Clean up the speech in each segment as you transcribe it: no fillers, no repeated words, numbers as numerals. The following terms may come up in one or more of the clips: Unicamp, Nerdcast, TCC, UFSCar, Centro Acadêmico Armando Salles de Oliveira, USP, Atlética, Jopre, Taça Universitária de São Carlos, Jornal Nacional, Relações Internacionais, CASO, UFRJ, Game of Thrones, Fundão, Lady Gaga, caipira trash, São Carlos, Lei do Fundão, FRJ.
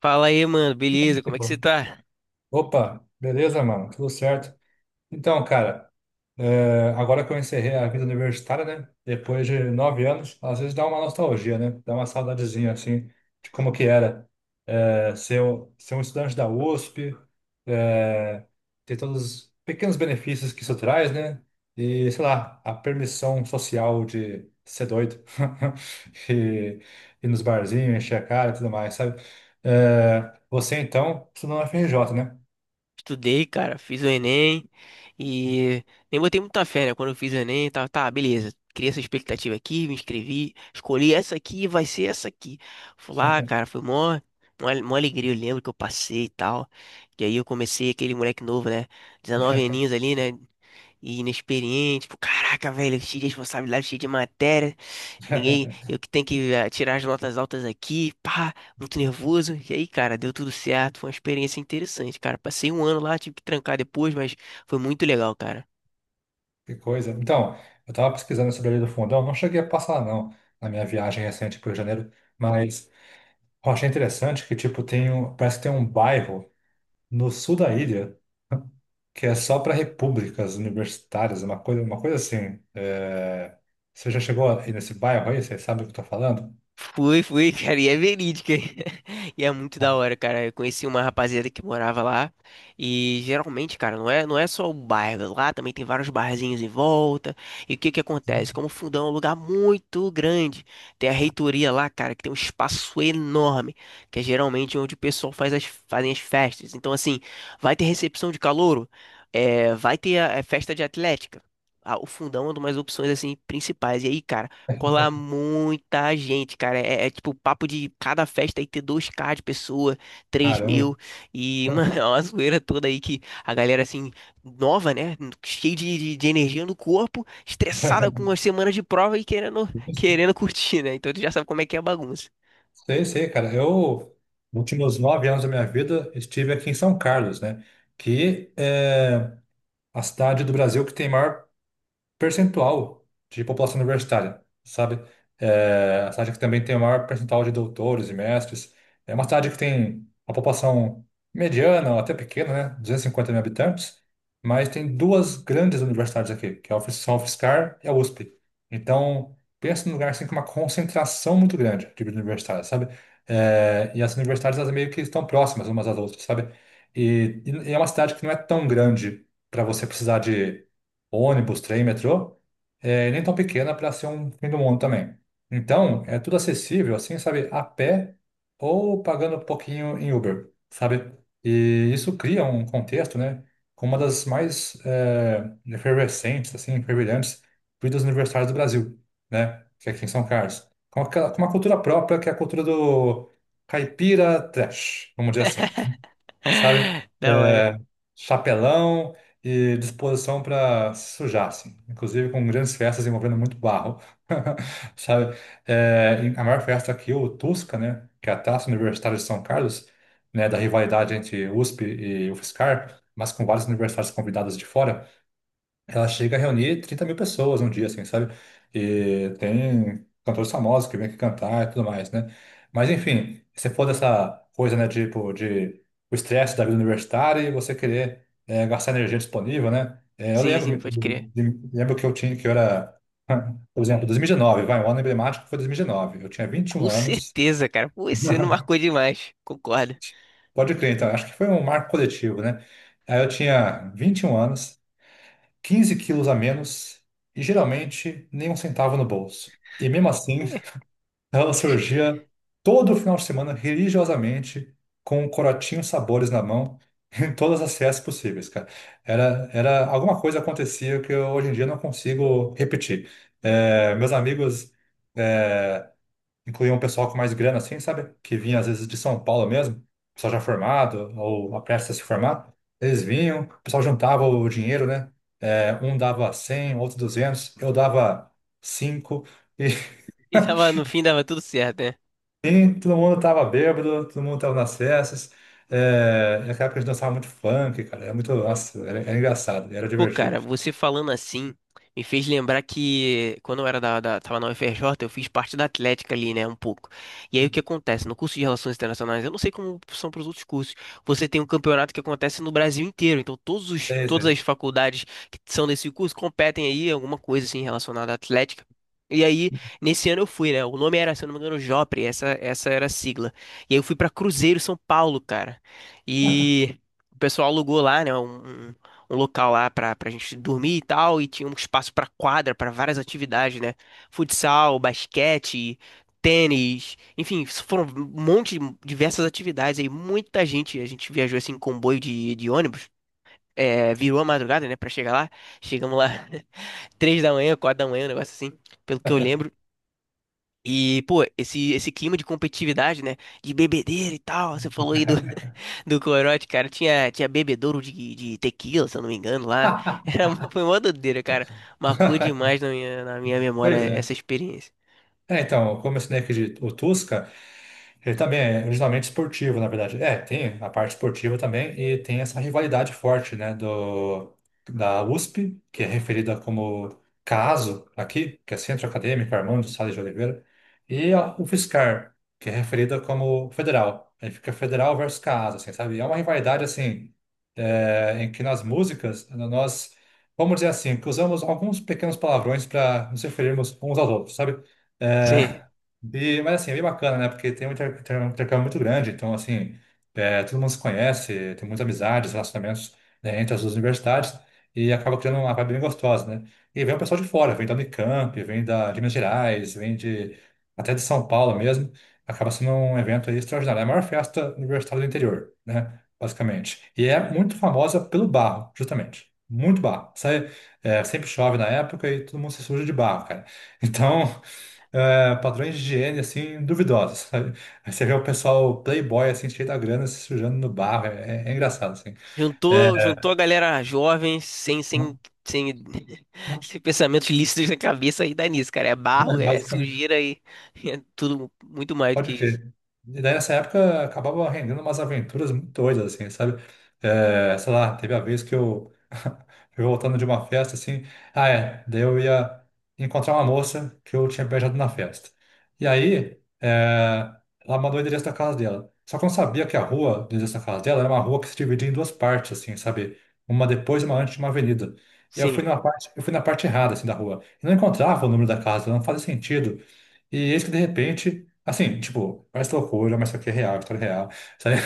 Fala aí, mano, beleza? Que Como é que você bom. tá? Opa, beleza, mano? Tudo certo? Então, cara, agora que eu encerrei a vida universitária, né? Depois de 9 anos, às vezes dá uma nostalgia, né? Dá uma saudadezinha, assim, de como que era ser um estudante da USP, é, ter todos os pequenos benefícios que isso traz, né? E, sei lá, a permissão social de ser doido e ir nos barzinhos, encher a cara e tudo mais, sabe? Você, então, estudou na FRJ, né? Estudei, cara, fiz o Enem e nem botei muita fé, né? Quando eu fiz o Enem, tá, tá, beleza. Criei essa expectativa aqui, me inscrevi, escolhi essa aqui, e vai ser essa aqui. Fui lá, cara, foi mó alegria, eu lembro que eu passei e tal. E aí eu comecei aquele moleque novo, né? 19 aninhos ali, né? E inexperiente, tipo, caraca, velho, cheio de responsabilidade, cheio de matéria, ninguém, eu que tenho que tirar as notas altas aqui, pá, muito nervoso. E aí, cara, deu tudo certo, foi uma experiência interessante, cara. Passei um ano lá, tive que trancar depois, mas foi muito legal, cara. Que coisa. Então, eu estava pesquisando sobre a Lei do Fundão, não cheguei a passar, não, na minha viagem recente para o Rio de Janeiro, mas eu achei interessante que, tipo, tem um, parece que tem um bairro no sul da ilha que é só para repúblicas universitárias, uma coisa assim. Você já chegou aí nesse bairro aí? Você sabe o que eu tô falando? Fui, fui, cara, e é verídica. E é muito Ah, da hora, cara. Eu conheci uma rapaziada que morava lá. E geralmente, cara, não é só o bairro. Lá também tem vários barzinhos em volta. E o que que sim. acontece? Como o Fundão é um lugar muito grande, tem a reitoria lá, cara, que tem um espaço enorme, que é geralmente onde o pessoal fazem as festas. Então, assim, vai ter recepção de calouro, é, vai ter a festa de atlética. Ah, o Fundão é uma das opções, assim, principais. E aí, cara. Colar muita gente, cara. É, é tipo papo de cada festa aí ter 2K de pessoa, três Caramba. mil. E, mano, é uma zoeira toda aí que a galera, assim, nova, né? Cheia de energia no corpo, estressada com as semanas de prova e querendo curtir, né? Então tu já sabe como é que é a bagunça. Sei, sei, cara. Eu, nos últimos 9 anos da minha vida, estive aqui em São Carlos, né? Que é a cidade do Brasil que tem maior percentual de população universitária, sabe? A cidade que também tem o maior percentual de doutores e mestres. É uma cidade que tem uma população mediana, ou até pequena, né? 250 mil habitantes, mas tem duas grandes universidades aqui, que é a UFSCar e a USP. Então, pensa num lugar assim com uma concentração muito grande de vida universitária, sabe? E as universidades, elas meio que estão próximas umas às outras, sabe? E é uma cidade que não é tão grande para você precisar de ônibus, trem, metrô, e nem tão pequena para ser um fim do mundo também. Então, é tudo acessível, assim, sabe, a pé ou pagando um pouquinho em Uber, sabe? E isso cria um contexto, né, com uma das mais efervescentes, assim, fervilhantes vidas universitárias do Brasil, né, que é aqui em São Carlos. Com uma cultura própria, que é a cultura do caipira trash, vamos dizer assim, sabe? Da hora. É, chapelão e disposição para se sujar, assim. Inclusive com grandes festas envolvendo muito barro, sabe? A maior festa aqui, o Tusca, né? Que é a Taça Universitária de São Carlos, né? Da rivalidade entre USP e UFSCar, mas com vários universitários convidados de fora, ela chega a reunir 30 mil pessoas um dia, assim, sabe? E tem cantores famosos que vêm aqui cantar e tudo mais, né? Mas, enfim, se for dessa coisa, né, tipo, de o estresse da vida universitária e você querer gastar energia disponível, né? Eu Sim, sim, lembro, pode crer. Lembro que eu tinha, que eu era, por exemplo, 2019, vai, um ano emblemático foi 2019. Eu tinha Com 21 anos, certeza, cara. Pô, esse ano marcou demais. Concordo. pode crer, então, acho que foi um marco coletivo, né? Aí eu tinha 21 anos, 15 quilos a menos e geralmente nem um centavo no bolso. E mesmo assim, ela surgia todo final de semana religiosamente com um corotinho sabores na mão em todas as festas possíveis, cara. Era alguma coisa acontecia que eu, hoje em dia, não consigo repetir. Meus amigos eh, incluía um pessoal com mais grana, assim, sabe? Que vinha às vezes de São Paulo mesmo, pessoal já formado ou a prestes a se formar. Eles vinham, o pessoal juntava o dinheiro, né? Um dava 100, outro 200, eu dava 5. E E tava, no fim dava tudo certo, né? Sim, todo mundo tava bêbado, todo mundo tava nas festas. Naquela época a gente dançava muito funk, cara. Era muito, nossa, era, era engraçado, era Pô, divertido. cara, você falando assim me fez lembrar que quando eu era tava na UFRJ, eu fiz parte da Atlética ali, né, um pouco. E aí o que acontece? No curso de Relações Internacionais, eu não sei como são para os outros cursos, você tem um campeonato que acontece no Brasil inteiro, então Sei, todas as sei. faculdades que são desse curso competem aí em alguma coisa assim relacionada à Atlética. E aí, nesse ano eu fui, né? O nome era, se eu não me engano, Jopre, essa era a sigla. E aí eu fui pra Cruzeiro São Paulo, cara. E o pessoal alugou lá, né? Um local lá pra gente dormir e tal, e tinha um espaço pra quadra, pra várias atividades, né? Futsal, basquete, tênis, enfim, isso foram um monte de diversas atividades aí, muita gente, a gente viajou assim em comboio de ônibus. É, virou a madrugada, né, pra chegar lá. Chegamos lá 3 da manhã, 4 da manhã, um negócio assim, pelo que eu lembro. E, pô, esse clima de competitividade, né? De bebedeira e tal. Você falou aí do, do corote, cara. Tinha bebedouro de tequila, se eu não me engano, lá. Foi uma doideira, cara. Marcou demais na na minha memória Pois é. essa experiência. Então, como eu ensinei aqui o Tusca, ele também é originalmente esportivo, na verdade. Tem a parte esportiva também e tem essa rivalidade forte, né, do, da USP, que é referida como CASO aqui, que é Centro Acadêmico Armando Salles de Oliveira, e a UFSCar, que é referida como Federal. Aí fica Federal versus CASO, assim, sabe? E é uma rivalidade, assim, em que nas músicas nós, vamos dizer assim, que usamos alguns pequenos palavrões para nos referirmos uns aos outros, sabe? Sim. É, mas assim, é bem bacana, né? Porque tem um um intercâmbio muito grande, então assim, todo mundo se conhece, tem muitas amizades, relacionamentos, né, entre as duas universidades e acaba criando uma vibe bem gostosa, né? E vem o pessoal de fora, vem da Unicamp, vem de Minas Gerais, vem de até de São Paulo mesmo, acaba sendo um evento aí extraordinário, é a maior festa universitária do interior, né? Basicamente. E é muito famosa pelo barro, justamente. Muito barro. Sai, sempre chove na época e todo mundo se suja de barro, cara. Então, padrões de higiene, assim, duvidosos, sabe? Aí você vê o pessoal playboy, assim, cheio da grana, se sujando no barro, é engraçado, assim. É, Juntou a galera jovem, sem, sem, sem, sem pensamentos lícitos na cabeça e dá nisso, cara. É barro, é basicamente. sujeira e é tudo muito mais do que Pode isso. crer. E daí nessa época acabava rendendo umas aventuras muito doidas, assim, sabe? Sei lá, teve a vez que eu fui voltando de uma festa, assim, daí eu ia encontrar uma moça que eu tinha beijado na festa. E aí, ela mandou o endereço da casa dela. Só que eu não sabia que a rua do endereço da casa dela era uma rua que se dividia em duas partes, assim, sabe? Uma depois e uma antes de uma avenida. E Sim. Eu fui na parte errada, assim, da rua. Eu não encontrava o número da casa, não fazia sentido. E eis que de repente, assim, tipo, parece loucura, mas isso aqui é real, história real, sabe?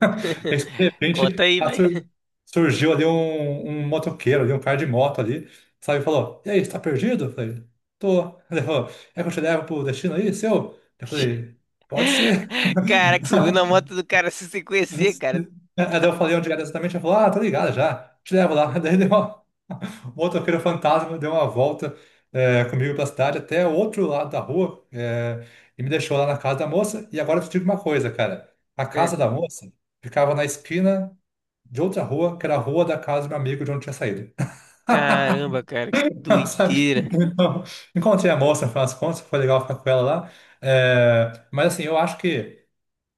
Eis que de Conta repente aí, vai. Surgiu ali um motoqueiro, ali, um cara de moto ali, sabe? Falou: E aí, você tá perdido? Eu falei: Tô. Ele falou: É que eu te levo pro destino aí, seu? Eu falei: Pode ser. Cara, que subiu na moto do cara se você conhecer, cara. Aí eu falei onde era exatamente, ele falou: Ah, tô ligado já, te levo lá. Daí deu. O motoqueiro fantasma deu uma volta comigo pela cidade até o outro lado da rua e me deixou lá na casa da moça. E agora eu te digo uma coisa, cara. A Ah, casa da moça ficava na esquina de outra rua, que era a rua da casa do meu amigo de onde eu tinha saído. caramba, cara, que Sabe? doideira. Então, encontrei a moça, no final das contas, foi legal ficar com ela lá. Mas assim, eu acho que.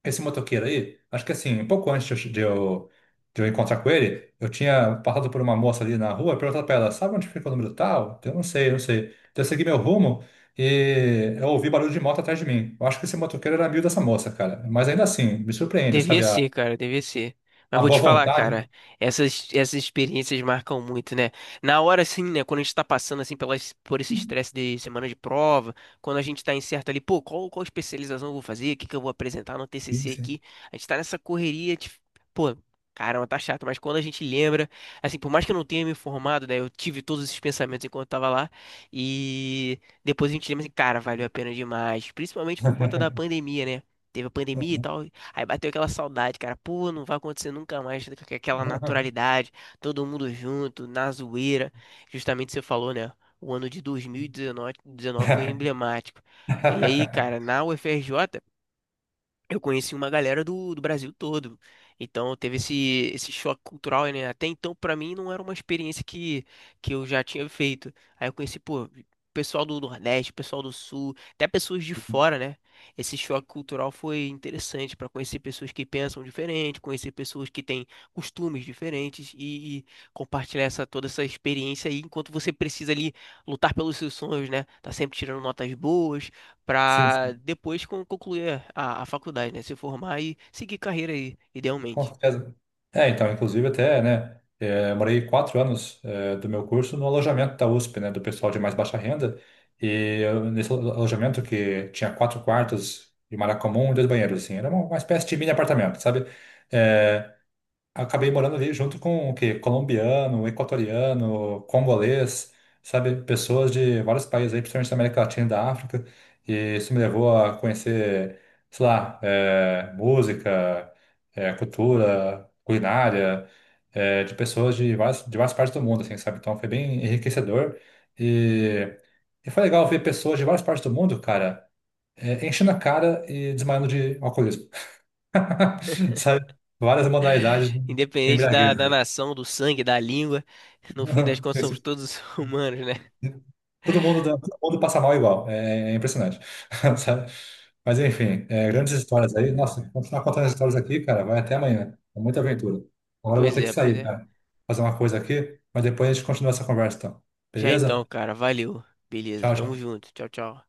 Esse motoqueiro aí, acho que assim, um pouco antes de eu, encontrar com ele, eu tinha passado por uma moça ali na rua e perguntado pra ela, sabe onde fica o número tal? Eu não sei, eu não sei. Então eu segui meu rumo e eu ouvi barulho de moto atrás de mim. Eu acho que esse motoqueiro era amigo dessa moça, cara. Mas ainda assim, me surpreende, Devia sabe? A, ser, cara, devia ser. Mas a vou boa te falar, vontade, né? cara, essas experiências marcam muito, né? Na hora, assim, né, quando a gente tá passando, assim, pelas, por esse estresse de semana de prova, quando a gente tá incerto ali, pô, qual especialização eu vou fazer, o que que eu vou apresentar no Sim, TCC sim. aqui, a gente tá nessa correria, de, pô, caramba, tá chato, mas quando a gente lembra, assim, por mais que eu não tenha me informado, né, eu tive todos esses pensamentos enquanto eu tava lá, e depois a gente lembra assim, cara, valeu a pena demais, principalmente por conta da pandemia, né? Teve a pandemia e tal. Aí bateu aquela saudade, cara. Pô, não vai acontecer nunca mais com aquela naturalidade, todo mundo junto, na zoeira. Justamente você falou, né? O ano de 2019 19 foi emblemático. E aí, cara, na UFRJ eu conheci uma galera do Brasil todo. Então teve esse, esse choque cultural, né? Até então, pra mim, não era uma experiência que eu já tinha feito. Aí eu conheci, pô, pessoal do Nordeste, pessoal do Sul, até pessoas de fora, né? Esse choque cultural foi interessante pra conhecer pessoas que pensam diferente, conhecer pessoas que têm costumes diferentes e compartilhar essa, toda essa experiência aí, enquanto você precisa ali lutar pelos seus sonhos, né? Tá sempre tirando notas boas Sim, para depois concluir a faculdade, né? Se formar e seguir carreira aí, com idealmente. certeza. Então, inclusive até, né, morei 4 anos do meu curso no alojamento da USP, né, do pessoal de mais baixa renda, e eu, nesse alojamento que tinha quatro quartos de uma área comum e dois banheiros, assim, era uma espécie de mini apartamento, sabe? É, acabei morando ali junto com o quê? Colombiano, equatoriano, congolês, sabe? Pessoas de vários países aí, principalmente da América Latina e da África. E isso me levou a conhecer, sei lá, música, cultura, culinária, de pessoas de várias partes do mundo, assim, sabe? Então foi bem enriquecedor. E, e foi legal ver pessoas de várias partes do mundo, cara, enchendo a cara e desmaiando de alcoolismo. Sabe? Várias modalidades de Independente da embriagueza. nação, do sangue, da língua, no fim das contas somos Esse- todos humanos, né? Todo mundo, todo mundo passa mal igual. É impressionante. Sabe? Mas enfim, grandes histórias aí. Nossa, continuar contando as histórias aqui, cara, vai até amanhã. É muita aventura. Agora eu vou Pois ter que é, pois sair, é. cara. Fazer uma coisa aqui, mas depois a gente continua essa conversa, então. Já então, Beleza? cara, valeu. Beleza, Tchau, tamo tchau. junto. Tchau, tchau.